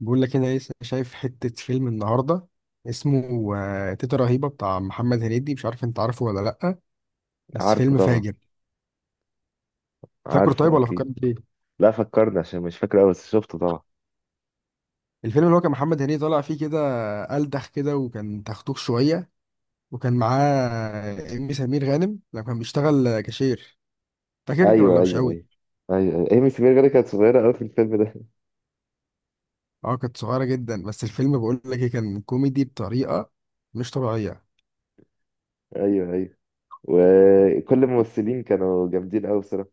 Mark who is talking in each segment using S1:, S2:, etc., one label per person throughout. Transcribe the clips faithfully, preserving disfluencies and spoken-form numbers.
S1: بقول لك انا لسه شايف حتة فيلم النهاردة. اسمه آه، تيتا رهيبة بتاع محمد هنيدي، مش عارف انت عارفه ولا لأ، بس
S2: عارفه
S1: فيلم
S2: طبعا.
S1: فاجر. فاكره طيب
S2: عارفه
S1: ولا
S2: اكيد.
S1: فكرت فيه؟
S2: لا، فكرني عشان مش فاكر قوي بس شفته طبعا.
S1: الفيلم اللي هو كان محمد هنيدي طالع فيه كده، ألدخ كده، وكان تختوخ شوية، وكان معاه إيمي سمير غانم لما كان بيشتغل كاشير. فاكر
S2: ايوه،
S1: ولا مش
S2: ايوه،
S1: قوي؟
S2: ايوه. ايوه، ايوه، ايمي سمير غانم كانت صغيره قوي في الفيلم ده.
S1: اه، كانت صغيرة جدا. بس الفيلم بقول لك إيه، كان كوميدي بطريقة مش طبيعية.
S2: ايوه، ايوه. وكل الممثلين كانوا جامدين قوي بصراحه.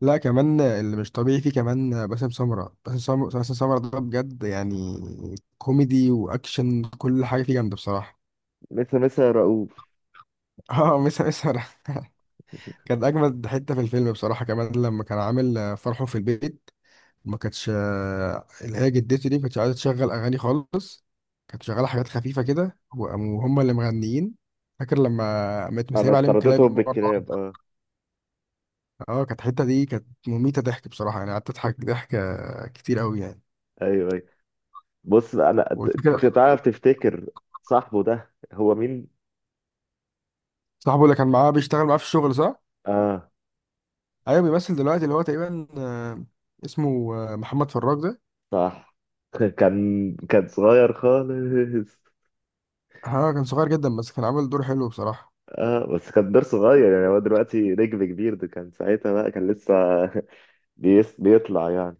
S1: لا كمان اللي مش طبيعي فيه كمان باسم سمرة باسم سمرة باسم سمرة، ده بجد يعني كوميدي واكشن، كل حاجه فيه جامده بصراحه.
S2: مثل مثل رؤوف.
S1: اه، مسا مسا. كان اجمد حته في الفيلم بصراحه، كمان لما كان عامل فرحه في البيت، ما كانتش، اللي هي جدته دي ما كانتش عايزه تشغل اغاني خالص، كانت شغاله حاجات خفيفه كده، وهم اللي مغنيين. فاكر لما قامت
S2: انا
S1: مسايبه عليهم كلاب
S2: طردتهم
S1: مره
S2: بالكلاب،
S1: واحده؟
S2: اه.
S1: اه، كانت الحته دي كانت مميته ضحك بصراحه، يعني قعدت اضحك ضحك كتير قوي يعني.
S2: ايوه، ايوه. بص بقى، انا ت-
S1: والفكره،
S2: ت- تعرف تفتكر صاحبه ده هو مين؟
S1: صاحبه اللي كان معاه بيشتغل معاه في الشغل، صح؟
S2: اه،
S1: ايوه، بيمثل دلوقتي، اللي هو تقريبا آه، اسمه آه، محمد فراج ده.
S2: صح. كان كان صغير خالص.
S1: ها، كان صغير جدا، بس كان عامل دور حلو بصراحة.
S2: اه، بس كان دور صغير، يعني هو دلوقتي نجم كبير، ده كان ساعتها بقى كان لسه بيس بيطلع يعني.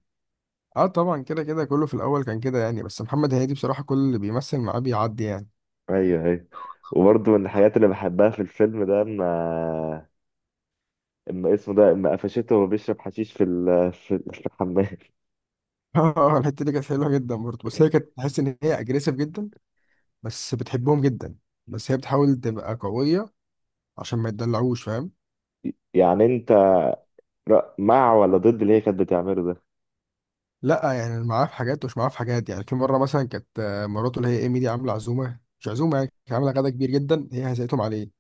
S1: اه طبعا، كده كده كله في الاول كان كده يعني، بس محمد هنيدي بصراحة كل اللي بيمثل معاه بيعدي يعني.
S2: ايوه، ايوه. وبرضه من الحاجات اللي بحبها في الفيلم ده اما اما اسمه ده، اما قفشته وهو بيشرب حشيش في ال... في في الحمام.
S1: اه، الحتة دي كانت حلوة جدا برضه، بس هي كانت تحس ان هي اجريسيف جدا، بس بتحبهم جدا، بس هي بتحاول تبقى قوية عشان ما يتدلعوش، فاهم؟
S2: يعني انت رأ... مع ولا ضد اللي هي كانت بتعمله ده؟
S1: لا يعني معاه في حاجات ومش معاه في حاجات، يعني في مرة مثلا كانت آه، مراته اللي هي ايمي دي عاملة عزومة، مش عزومة يعني، كانت عاملة غدا كبير جدا، هي هزقتهم عليه.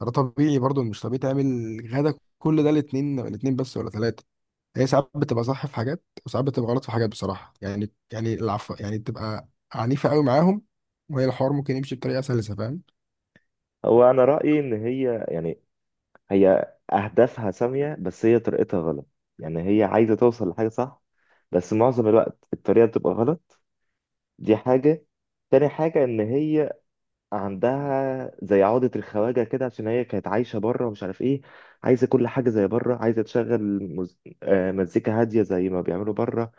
S1: ده طبيعي برضو، مش طبيعي تعمل غدا كل ده الاتنين الاتنين بس ولا ثلاثة. هي ساعات بتبقى صح في حاجات، وساعات بتبقى غلط في حاجات بصراحة، يعني يعني العفو يعني، بتبقى عنيفة قوي معاهم، وهي الحوار ممكن يمشي بطريقة سلسة، فاهم؟
S2: هو انا رأيي ان هي يعني هي اهدافها سامية بس هي طريقتها غلط. يعني هي عايزة توصل لحاجة صح بس معظم الوقت الطريقة بتبقى غلط. دي حاجة. تاني حاجة ان هي عندها زي عقدة الخواجة كده، عشان هي كانت عايشة بره ومش عارف ايه. عايزة كل حاجة زي بره، عايزة تشغل مز... آه، مزيكا هادية زي ما بيعملوا بره.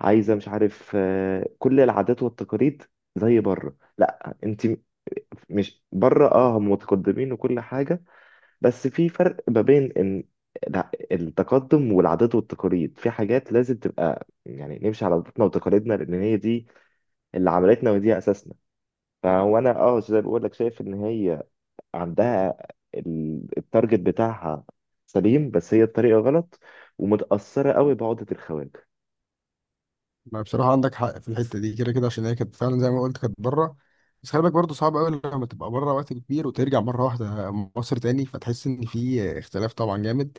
S2: عايزة مش عارف، آه، كل العادات والتقاليد زي بره. لا، انت م- مش بره، اه هم متقدمين وكل حاجة، بس في فرق ما بين ان الع- التقدم والعادات والتقاليد، في حاجات لازم تبقى، يعني نمشي على عاداتنا وتقاليدنا، لان هي دي اللي عملتنا ودي اساسنا. فهو انا اه زي ما بقول لك، شايف ان هي عندها ال- التارجت بتاعها سليم بس هي الطريقة غلط، ومتأثرة قوي بعقدة الخواجة.
S1: ما بصراحة عندك حق في الحتة دي، كده كده عشان هي كانت فعلا زي ما قلت كانت بره. بس خلي بالك برضه، صعب قوي لما تبقى بره وقت كبير وترجع مرة واحدة مصر تاني، فتحس إن في اختلاف طبعا جامد.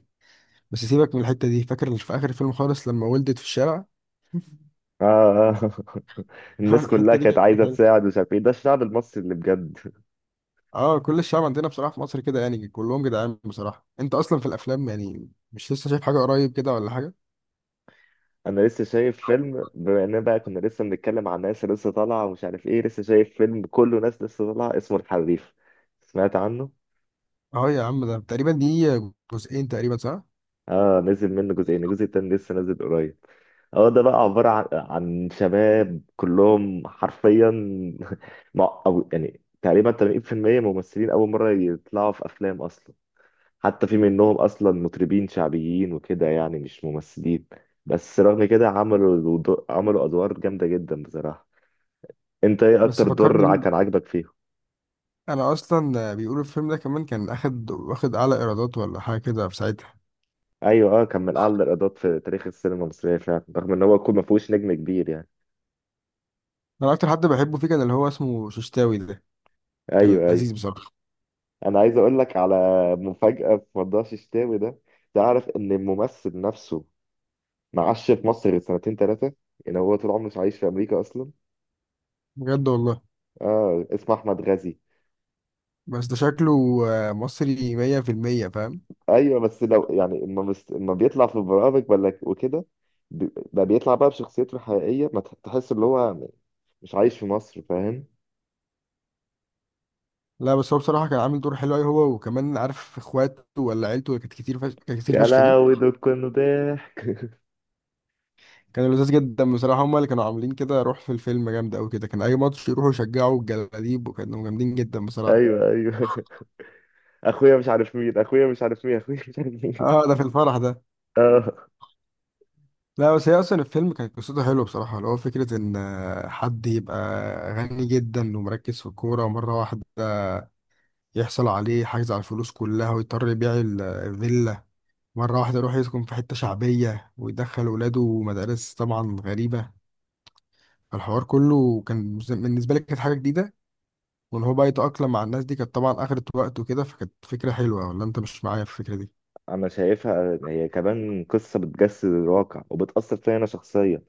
S1: بس سيبك من الحتة دي، فاكر في آخر الفيلم خالص لما ولدت في الشارع؟
S2: آه. الناس كلها
S1: الحتة دي
S2: كانت
S1: كانت
S2: عايزة
S1: حلوة.
S2: تساعد ومش عارف ايه، ده الشعب المصري اللي بجد.
S1: اه، كل الشعب عندنا بصراحة في مصر كده، يعني كلهم جدعان بصراحة. انت اصلا في الافلام يعني مش لسه شايف حاجة قريب كده ولا حاجة؟
S2: انا لسه شايف فيلم، بما اننا بقى كنا لسه بنتكلم عن ناس لسه طالعة ومش عارف ايه، لسه شايف فيلم كله ناس لسه طالعة اسمه الحريف. سمعت عنه؟
S1: اه يا عم، ده تقريبا دي جزئين تقريبا، صح؟
S2: اه، نزل منه جزئين، الجزء التاني لسه نازل قريب. هو ده بقى عبارة عن عن شباب كلهم حرفيا. مع- أو يعني تقريبا ثمانين بالمية ممثلين أول مرة يطلعوا في أفلام أصلا. حتى في منهم أصلا مطربين شعبيين وكده، يعني مش ممثلين. بس رغم كده عملوا دو- عملوا أدوار جامدة جدا بصراحة. أنت إيه
S1: بس
S2: أكتر دور
S1: فكرني
S2: ع- كان
S1: بيه.
S2: عاجبك فيهم؟
S1: انا اصلا بيقولوا الفيلم ده كمان كان اخد واخد اعلى ايرادات ولا حاجة كده في ساعتها.
S2: أيوه، أه كان من أعلى الإيرادات في تاريخ السينما المصرية فعلا، رغم إن هو يكون ما فيهوش نجم كبير يعني.
S1: انا اكتر حد بحبه فيه كان اللي هو اسمه ششتاوي ده، كان
S2: أيوه، أيوه.
S1: لذيذ بصراحة.
S2: انا عايز اقول لك على مفاجأة في موضوع الشتاوي ده. تعرف ان الممثل نفسه معاش في مصر سنتين ثلاثة؟ يعني هو طول عمره مش عايش في امريكا اصلا.
S1: بجد والله.
S2: اه، اسمه احمد غازي.
S1: بس ده شكله آه، مصري مية في المية فاهم.
S2: ايوه، بس لو يعني اما مس- اما بيطلع في برامج ولا وكده، بي- بقى بيطلع بقى بشخصيته الحقيقية، ما تح- تحس ان هو مش عايش في مصر، فاهم.
S1: لا بس هو بصراحة كان عامل دور حلو أوي، هو وكمان عارف اخواته ولا عيلته كانت كتير فشخ كانت كتير
S2: يا
S1: فشخ دي،
S2: لهوي، دول كانوا ضحك.
S1: كان لذيذ جدا بصراحة. هما اللي كانوا عاملين كده روح في الفيلم جامد أوي كده، كان أي ماتش يروحوا يشجعوا الجلاديب وكانوا جامدين جدا بصراحة.
S2: ايوه، ايوه. اخويا مش عارف مين، اخويا مش عارف مين، اخويا مش عارف مين.
S1: اه ده في الفرح ده.
S2: اه.
S1: لا بس هي أصلا الفيلم كانت قصته حلوة بصراحة، اللي هو فكرة إن آه، حد يبقى غني جدا ومركز في الكورة، ومرة واحدة يحصل عليه حجز على الفلوس كلها ويضطر يبيع ال- الفيلا، مرة واحدة يروح يسكن في حتة شعبية ويدخل ولاده مدارس طبعا غريبة. الحوار كله كان بالنسبة لي كانت حاجة جديدة، وان هو بقى يتأقلم مع الناس دي كانت طبعا اخدت وقت وكده، فكانت فكرة حلوة، ولا انت مش معايا في الفكرة دي؟
S2: انا شايفها هي كمان قصه بتجسد الواقع وبتاثر فيا انا شخصيا،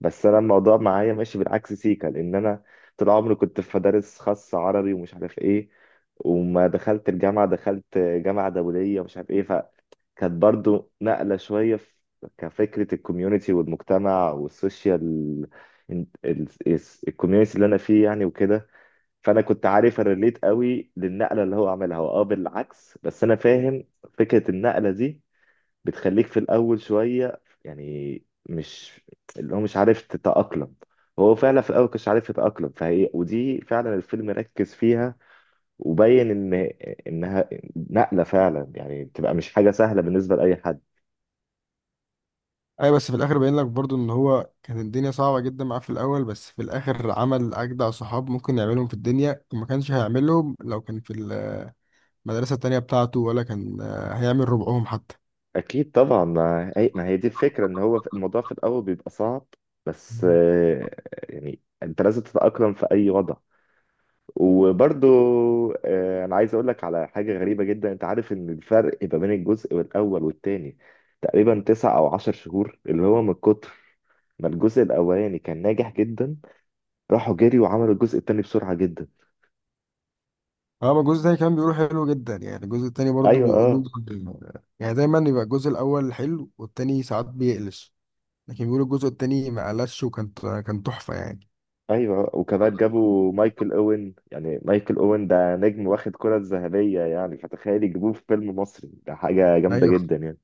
S2: بس انا الموضوع معايا ماشي بالعكس سيكا، لان انا طول عمري كنت في مدارس خاصه عربي ومش عارف ايه، وما دخلت الجامعه دخلت جامعه دوليه ومش عارف ايه، فكانت برضو نقله شويه في كفكره الكوميونتي والمجتمع والسوشيال، الكوميونتي اللي انا فيه يعني وكده. فانا كنت عارف الريليت قوي للنقله اللي هو عملها هو، اه بالعكس بس انا فاهم فكره النقله دي. بتخليك في الأول شوية يعني مش اللي هو مش عارف تتأقلم. هو فعلا في الأول كانش عارف يتأقلم، فهي ودي فعلا الفيلم ركز فيها، وبين إن إنها نقلة فعلا، يعني بتبقى مش حاجة سهلة بالنسبة لأي حد.
S1: ايوه بس في الاخر باين لك برضو ان هو كانت الدنيا صعبة جدا معاه في الاول، بس في الاخر عمل اجدع صحاب ممكن يعملهم في الدنيا، وما كانش هيعملهم لو كان في المدرسة التانية بتاعته، ولا كان آه، هيعمل ربعهم حتى.
S2: أكيد طبعا. ما هي, ما هي دي الفكرة، إن هو في- الموضوع في الأول بيبقى صعب. بس آه، يعني أنت لازم تتأقلم في أي وضع. وبرضو آه، انا عايز اقول لك على حاجه غريبه جدا. انت عارف ان الفرق ما بين الجزء الاول والتاني تقريبا تسع او عشر شهور؟ اللي هو من كتر ما الجزء الاولاني كان ناجح جدا، راحوا جري وعملوا الجزء التاني بسرعه جدا.
S1: اما الجزء التاني كان بيقولوا حلو جدا، يعني الجزء التاني برضو
S2: ايوه،
S1: بيقولوا،
S2: اه.
S1: يعني دايما يبقى الجزء الاول حلو والتاني ساعات بيقلش، لكن بيقولوا الجزء التاني ما قلش وكان كان تحفة يعني.
S2: ايوه، آه. وكمان جابوا مايكل اوين، يعني مايكل اوين ده نجم واخد كرة الذهبيه، يعني فتخيل يجيبوه في فيلم مصري، ده حاجه جامده
S1: ايوه
S2: جدا يعني.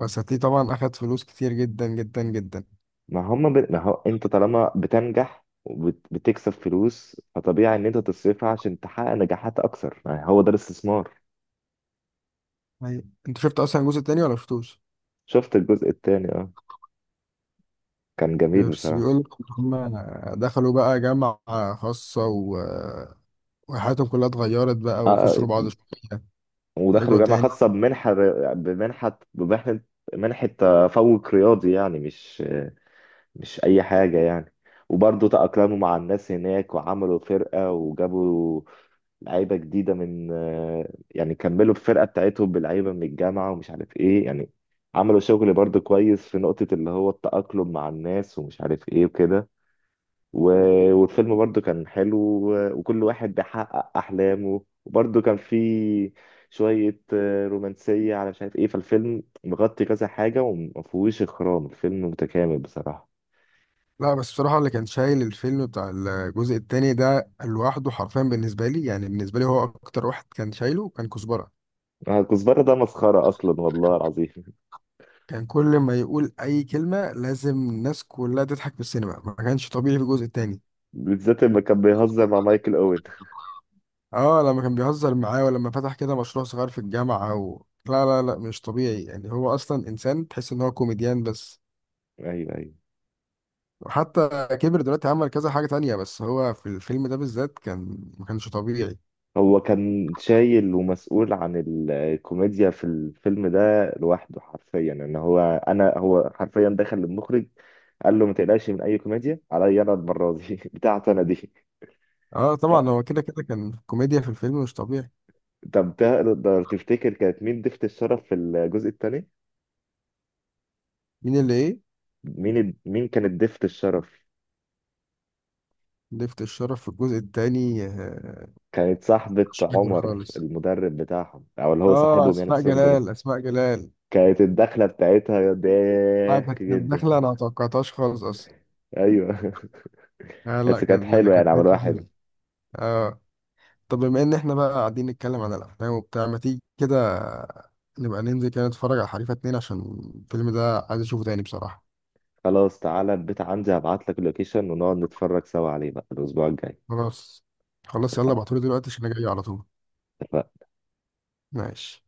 S1: بس هتلاقيه طبعا اخد فلوس كتير جدا جدا جدا.
S2: ما هم ب... ما هو انت طالما بتنجح وبتكسب فلوس، فطبيعي ان انت تصرفها عشان تحقق نجاحات اكثر، يعني هو ده الاستثمار.
S1: أيوة. انت شفت اصلا الجزء التاني ولا شفتوش؟
S2: شفت الجزء الثاني، اه. كان جميل
S1: بس
S2: بصراحة.
S1: بيقول لك هم دخلوا بقى جامعة خاصة و... وحياتهم كلها اتغيرت بقى
S2: اه.
S1: وخسروا بعض شوية،
S2: ودخلوا
S1: ورجعوا
S2: جامعة
S1: تاني.
S2: خاصة بمنحة. بمنحة بمنحة منحة تفوق رياضي يعني، مش مش اي حاجه يعني. وبرضه تأقلموا مع الناس هناك وعملوا فرقه، وجابوا لعيبه جديده من آه، يعني كملوا الفرقه بتاعتهم بلعيبه من الجامعه ومش عارف ايه يعني. عملوا شغل برضه كويس في نقطه اللي هو التأقلم مع الناس ومش عارف ايه وكده. و- والفيلم برضه كان حلو و- وكل واحد بيحقق احلامه، وبرضه كان فيه شويه آه، رومانسيه على مش عارف ايه، فالفيلم مغطي كذا حاجه ومفهوش اخرام، الفيلم متكامل بصراحه.
S1: لا بس بصراحة اللي كان شايل الفيلم بتاع الجزء التاني ده لوحده حرفيا، بالنسبة لي يعني، بالنسبة لي هو أكتر واحد كان شايله كان كزبرة.
S2: آه، كزبرة ده مسخرة أصلا والله العظيم.
S1: كان كل ما يقول أي كلمة لازم الناس كلها تضحك في السينما، ما كانش طبيعي في الجزء التاني.
S2: بالذات لما كان بيهزر مع مايكل أوين.
S1: اه لما كان بيهزر معاه، ولما فتح كده مشروع صغير في الجامعة و... لا لا لا، مش طبيعي يعني، هو اصلا انسان تحس ان هو كوميديان بس.
S2: أيوه، أيوه.
S1: وحتى كبر دلوقتي عمل كذا حاجة تانية، بس هو في الفيلم ده بالذات كان ما كانش طبيعي.
S2: هو كان شايل ومسؤول عن الكوميديا في الفيلم ده لوحده حرفيا. إن هو، أنا هو حرفيا دخل للمخرج قال له ما تقلقش من أي كوميديا، عليا أنا المرة دي بتاعتي أنا دي.
S1: اه
S2: لا.
S1: طبعا، هو كده كده كان كوميديا في الفيلم مش طبيعي.
S2: طب تقدر تفتكر كانت مين ضيفة الشرف في الجزء الثاني؟
S1: مين اللي ايه؟
S2: مين مين كانت ضيفة الشرف؟
S1: لفت الشرف في الجزء التاني آه،
S2: كانت صاحبة
S1: مش فاكر
S2: عمر
S1: خالص.
S2: المدرب بتاعهم، أو اللي هو
S1: اه،
S2: صاحبهم يعني
S1: اسماء
S2: بس هو.
S1: جلال اسماء جلال.
S2: كانت الدخلة بتاعتها
S1: آه،
S2: ضحك
S1: كانت كانت داخلة،
S2: جدا.
S1: انا ما توقعتهاش خالص اصلا.
S2: ايوه.
S1: آه لا،
S2: بس كانت
S1: كانت
S2: حلوة يعني،
S1: كانت
S2: عملوها
S1: حتة
S2: حلو.
S1: حلوة. اه. طب بما ان احنا بقى قاعدين نتكلم عن الافلام وبتاع، ما تيجي كده نبقى ننزل كده نتفرج على حريفه اتنين، عشان الفيلم ده عايز اشوفه تاني بصراحه.
S2: خلاص، تعالى البيت عندي هبعت لك اللوكيشن ونقعد نتفرج سوا عليه بقى الأسبوع الجاي.
S1: خلاص. خلاص يلا ابعتولي دلوقتي عشان انا جاي على طول. ماشي.